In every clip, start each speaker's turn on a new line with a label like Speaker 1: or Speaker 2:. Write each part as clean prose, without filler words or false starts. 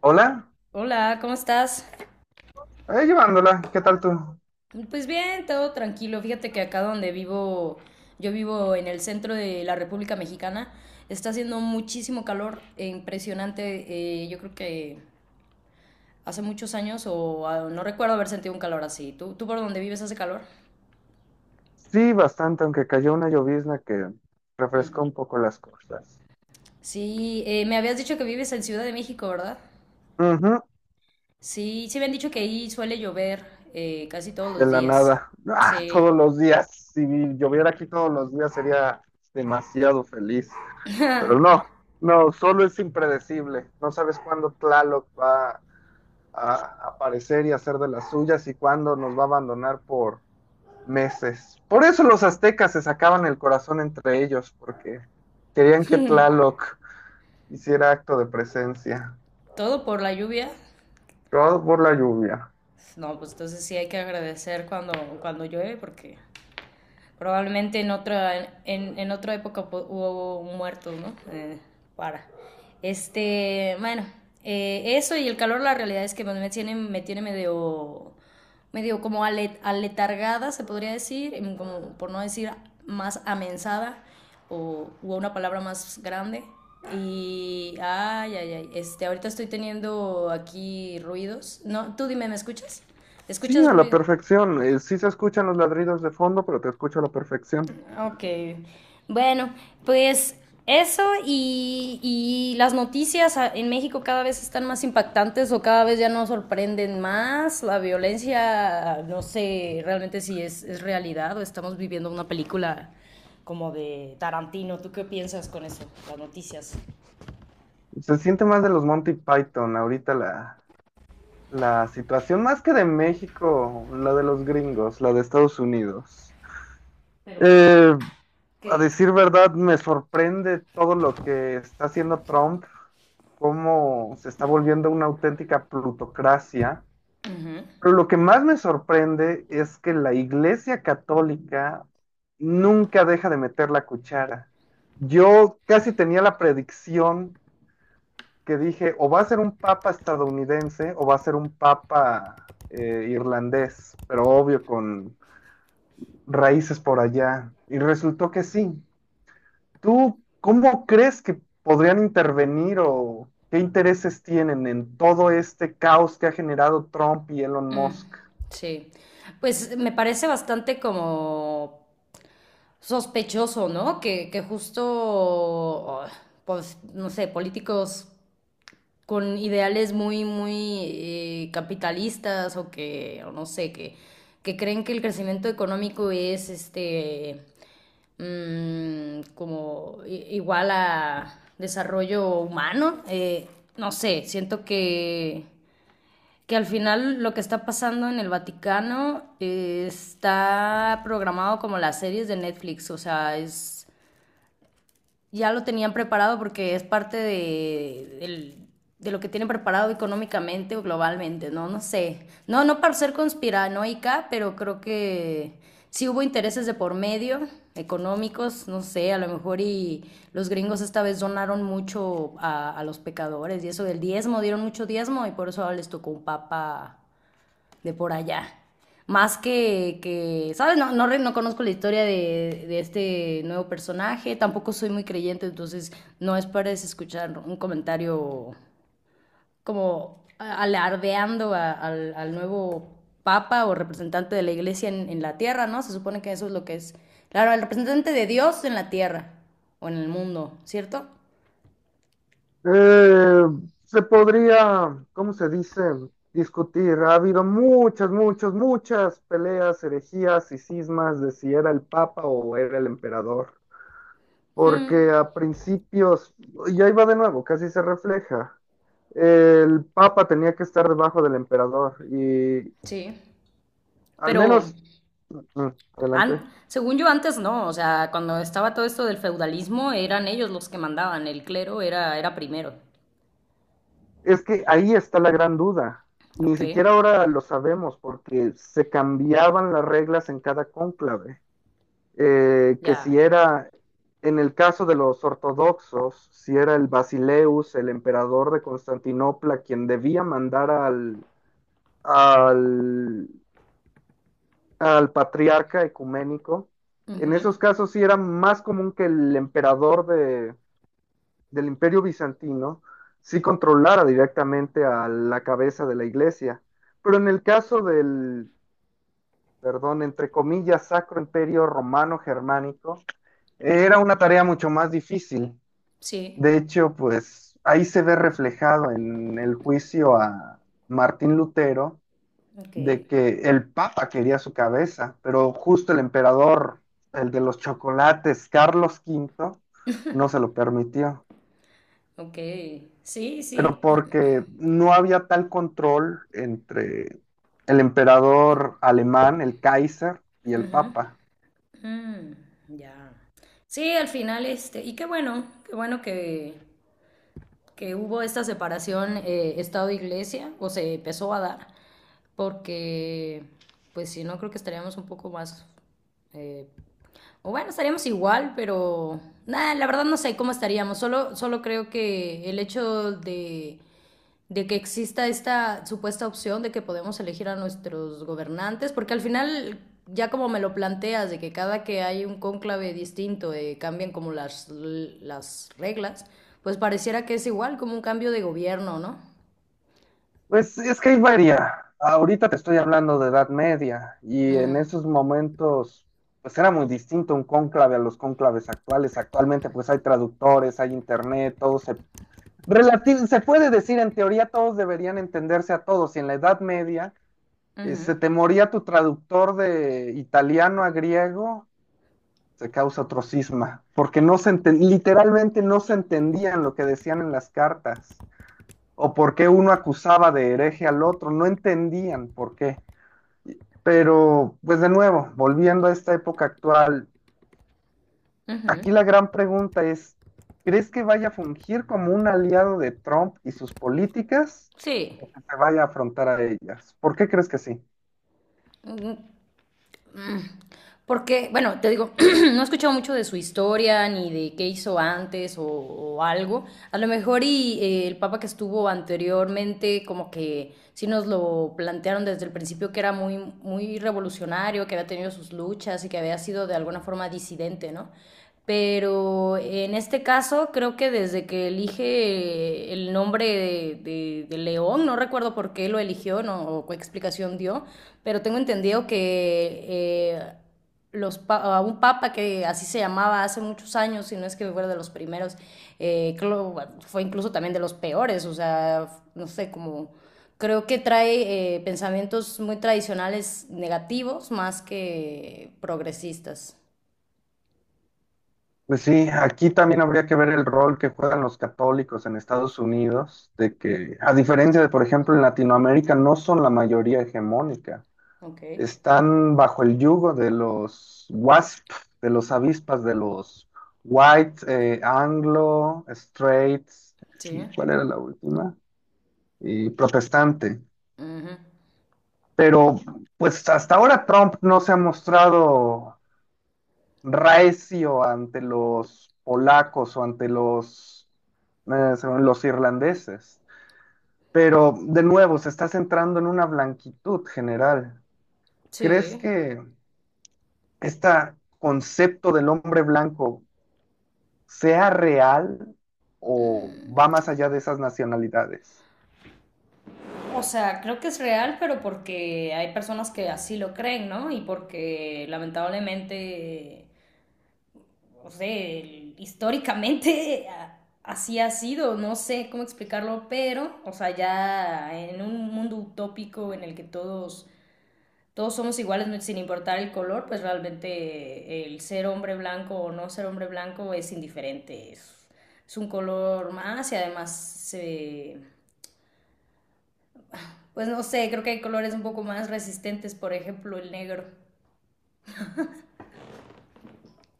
Speaker 1: Hola,
Speaker 2: Hola, ¿cómo estás?
Speaker 1: ahí llevándola, ¿qué tal tú?
Speaker 2: Pues bien, todo tranquilo. Fíjate que acá donde vivo, yo vivo en el centro de la República Mexicana, está haciendo muchísimo calor, impresionante. Yo creo que hace muchos años o no recuerdo haber sentido un calor así. ¿¿Tú por donde vives hace calor?
Speaker 1: Sí, bastante, aunque cayó una llovizna que refrescó
Speaker 2: Mm.
Speaker 1: un poco las cosas.
Speaker 2: Sí, me habías dicho que vives en Ciudad de México, ¿verdad?
Speaker 1: Ujú,
Speaker 2: Sí, sí me han dicho que ahí suele llover casi todos
Speaker 1: de
Speaker 2: los
Speaker 1: la
Speaker 2: días.
Speaker 1: nada. Ah, todos
Speaker 2: Sí.
Speaker 1: los días. Si lloviera aquí todos los días sería demasiado feliz. Pero no, no, solo es impredecible. No sabes cuándo Tlaloc va a aparecer y hacer de las suyas y cuándo nos va a abandonar por meses. Por eso los aztecas se sacaban el corazón entre ellos, porque querían que Tlaloc hiciera acto de presencia,
Speaker 2: Todo por la lluvia.
Speaker 1: robado por la lluvia.
Speaker 2: No, pues entonces sí hay que agradecer cuando llueve porque probablemente en otra época hubo un muerto, ¿no? Para. Bueno, eso y el calor, la realidad es que bueno, me tiene medio como aletargada, se podría decir, como por no decir más amensada o una palabra más grande. Ahorita estoy teniendo aquí ruidos. No, tú dime, ¿me escuchas?
Speaker 1: Sí,
Speaker 2: ¿Escuchas
Speaker 1: a la
Speaker 2: ruido?
Speaker 1: perfección. Sí se escuchan los ladridos de fondo, pero te escucho a la perfección.
Speaker 2: Ok. Bueno, pues eso y las noticias en México cada vez están más impactantes o cada vez ya nos sorprenden más. La violencia, no sé realmente si es realidad o estamos viviendo una película como de Tarantino. ¿Tú qué piensas con eso, las noticias?
Speaker 1: Se siente más de los Monty Python ahorita la situación, más que de México, la de los gringos, la de Estados Unidos.
Speaker 2: Pero ¿por
Speaker 1: Eh,
Speaker 2: qué?
Speaker 1: a decir verdad, me sorprende todo lo que está haciendo Trump, cómo se está volviendo una auténtica plutocracia.
Speaker 2: Ujú.
Speaker 1: Pero lo que más me sorprende es que la Iglesia Católica nunca deja de meter la cuchara. Yo casi tenía la predicción, que dije, o va a ser un papa estadounidense o va a ser un papa irlandés, pero obvio con raíces por allá. Y resultó que sí. ¿Tú cómo crees que podrían intervenir o qué intereses tienen en todo este caos que ha generado Trump y Elon
Speaker 2: Mm,
Speaker 1: Musk?
Speaker 2: sí. Pues me parece bastante como sospechoso, ¿no? Que justo, oh, pues, no sé, políticos con ideales muy capitalistas o no sé, que creen que el crecimiento económico es, mm, como igual a desarrollo humano. No sé, que al final lo que está pasando en el Vaticano está programado como las series de Netflix, o sea, es ya lo tenían preparado porque es parte de lo que tienen preparado económicamente o globalmente, ¿no? No sé. No para ser conspiranoica, pero creo que sí hubo intereses de por medio, económicos, no sé, a lo mejor y los gringos esta vez donaron mucho a los pecadores y eso del diezmo, dieron mucho diezmo y por eso ahora les tocó un papa de por allá. Más que ¿sabes? No conozco la historia de este nuevo personaje, tampoco soy muy creyente, entonces no esperes escuchar un comentario como alardeando al nuevo papa o representante de la iglesia en la tierra, ¿no? Se supone que eso es lo que es. Claro, el representante de Dios en la tierra o en el mundo, ¿cierto?
Speaker 1: Eh, se podría, ¿cómo se dice? Discutir. Ha habido muchas, muchas, muchas peleas, herejías y cismas de si era el papa o era el emperador. Porque a principios, y ahí va de nuevo, casi se refleja. El papa tenía que estar debajo del emperador y
Speaker 2: Sí.
Speaker 1: al
Speaker 2: Pero
Speaker 1: menos, mm, adelante.
Speaker 2: Según yo antes no, o sea, cuando estaba todo esto del feudalismo eran ellos los que mandaban, el clero era primero.
Speaker 1: Es que ahí está la gran duda. Ni
Speaker 2: Ok,
Speaker 1: siquiera ahora lo sabemos porque se cambiaban las reglas en cada cónclave. Que si
Speaker 2: ya.
Speaker 1: era, en el caso de los ortodoxos, si era el Basileus, el emperador de Constantinopla, quien debía mandar al, al, al patriarca ecuménico, en
Speaker 2: Ujú,
Speaker 1: esos casos sí era más común que el emperador de, del imperio bizantino sí controlara directamente a la cabeza de la iglesia. Pero en el caso del, perdón, entre comillas, Sacro Imperio Romano Germánico, era una tarea mucho más difícil.
Speaker 2: sí,
Speaker 1: De hecho, pues ahí se ve reflejado en el juicio a Martín Lutero,
Speaker 2: ok,
Speaker 1: de que el Papa quería su cabeza, pero justo el emperador, el de los chocolates, Carlos Quinto, no se lo permitió.
Speaker 2: ok. Sí,
Speaker 1: Pero
Speaker 2: sí.
Speaker 1: porque no había tal control entre el emperador alemán, el Kaiser, y el Papa.
Speaker 2: Mm, ya. Sí, al final y qué bueno que hubo esta separación Estado-Iglesia, o se empezó a dar, porque pues si no creo que estaríamos un poco más... eh, O bueno, estaríamos igual, pero nada, la verdad no sé cómo estaríamos. Solo creo que el hecho de que exista esta supuesta opción de que podemos elegir a nuestros gobernantes, porque al final, ya como me lo planteas, de que cada que hay un cónclave distinto cambian como las reglas, pues pareciera que es igual como un cambio de gobierno, ¿no?
Speaker 1: Pues es que hay varía. Ahorita te estoy hablando de Edad Media y en
Speaker 2: Mm,
Speaker 1: esos momentos pues era muy distinto un cónclave a los cónclaves actuales. Actualmente pues hay traductores, hay internet, todo se relati- se puede decir en teoría todos deberían entenderse a todos. Y en la Edad Media
Speaker 2: ujú,
Speaker 1: se te moría tu traductor de italiano a griego, se causa otro cisma, porque no se enten- literalmente no se entendían lo que decían en las cartas o por qué uno acusaba de hereje al otro, no entendían por qué. Pero, pues de nuevo, volviendo a esta época actual,
Speaker 2: ujú.
Speaker 1: aquí la gran pregunta es, ¿crees que vaya a fungir como un aliado de Trump y sus políticas
Speaker 2: Sí.
Speaker 1: o que se vaya a afrontar a ellas? ¿Por qué crees que sí?
Speaker 2: Porque, bueno, te digo, no he escuchado mucho de su historia ni de qué hizo antes o algo. A lo mejor y el papa que estuvo anteriormente, como que sí nos lo plantearon desde el principio que era muy revolucionario, que había tenido sus luchas y que había sido de alguna forma disidente, ¿no? Pero en este caso creo que desde que elige el nombre de León, no recuerdo por qué lo eligió no, o qué explicación dio, pero tengo entendido que los pa a un papa que así se llamaba hace muchos años, si no es que fuera de los primeros, eh, clo- fue incluso también de los peores, o sea, no sé, como creo que trae pensamientos muy tradicionales negativos más que progresistas.
Speaker 1: Pues sí, aquí también habría que ver el rol que juegan los católicos en Estados Unidos, de que a diferencia de, por ejemplo, en Latinoamérica, no son la mayoría hegemónica.
Speaker 2: Ok.
Speaker 1: Están bajo el yugo de los WASP, de los avispas, de los White, Anglo, Straits,
Speaker 2: Sí.
Speaker 1: ¿cuál era la última? Y protestante.
Speaker 2: Uh -huh.
Speaker 1: Pero pues hasta ahora Trump no se ha mostrado reacio ante los polacos o ante los, según los irlandeses. Pero de nuevo, se está centrando en una blanquitud general. ¿Crees
Speaker 2: Sí.
Speaker 1: que este concepto del hombre blanco sea real o va más allá de esas nacionalidades?
Speaker 2: O sea, creo que es real, pero porque hay personas que así lo creen, ¿no? Y porque lamentablemente no sé, históricamente así ha sido, no sé cómo explicarlo, pero, o sea, ya en un mundo utópico en el que todos somos iguales sin importar el color, pues realmente el ser hombre blanco o no ser hombre blanco es indiferente, es un color más y pues no sé, creo que hay colores un poco más resistentes, por ejemplo, el negro.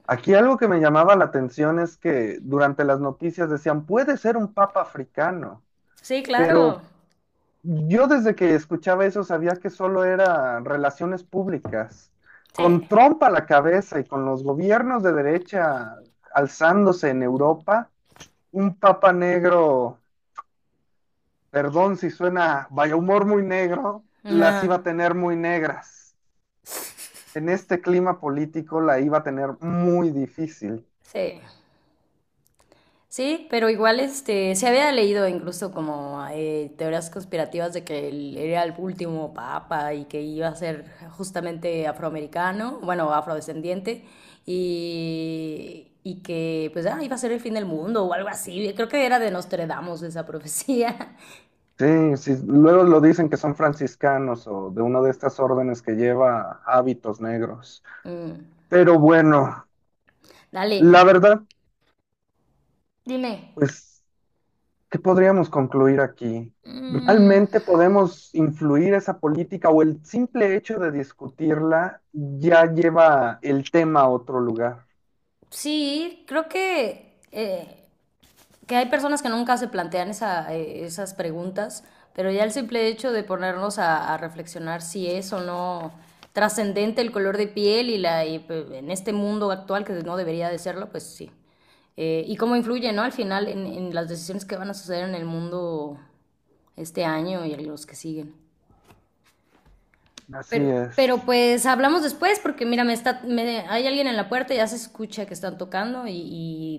Speaker 1: Aquí algo que me llamaba la atención es que durante las noticias decían, puede ser un papa africano,
Speaker 2: Sí, claro,
Speaker 1: pero yo desde que escuchaba eso sabía que solo era relaciones públicas. Con
Speaker 2: sí.
Speaker 1: Trump a la cabeza y con los gobiernos de derecha alzándose en Europa, un papa negro, perdón si suena, vaya, humor muy negro, las iba a
Speaker 2: Nah,
Speaker 1: tener muy negras. En este clima político la iba a tener muy difícil.
Speaker 2: sí. Sí, pero igual se había leído incluso como teorías conspirativas de que él era el último papa y que iba a ser justamente afroamericano, bueno, afrodescendiente, y que pues ah, iba a ser el fin del mundo o algo así. Creo que era de Nostradamus esa profecía.
Speaker 1: Sí, sí, luego lo dicen que son franciscanos o de una de estas órdenes que lleva hábitos negros.
Speaker 2: Mm,
Speaker 1: Pero bueno,
Speaker 2: dale,
Speaker 1: la verdad,
Speaker 2: dime.
Speaker 1: pues, ¿qué podríamos concluir aquí?
Speaker 2: Mm,
Speaker 1: ¿Realmente podemos influir esa política o el simple hecho de discutirla ya lleva el tema a otro lugar?
Speaker 2: sí, creo que hay personas que nunca se plantean esa, esas preguntas, pero ya el simple hecho de ponernos a reflexionar si es o no trascendente el color de piel pues, en este mundo actual que no debería de serlo, pues sí. Y cómo influye, ¿no? Al final las decisiones que van a suceder en el mundo este año y los que siguen.
Speaker 1: Así
Speaker 2: Pero
Speaker 1: es.
Speaker 2: pues hablamos después porque mira, hay alguien en la puerta, ya se escucha que están tocando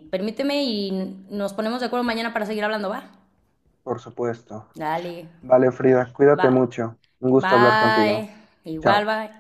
Speaker 2: y permíteme y nos ponemos de acuerdo mañana para seguir hablando, ¿va?
Speaker 1: Por supuesto.
Speaker 2: Dale,
Speaker 1: Vale, Frida,
Speaker 2: va,
Speaker 1: cuídate mucho. Un gusto hablar
Speaker 2: bye,
Speaker 1: contigo.
Speaker 2: igual,
Speaker 1: Chao.
Speaker 2: bye.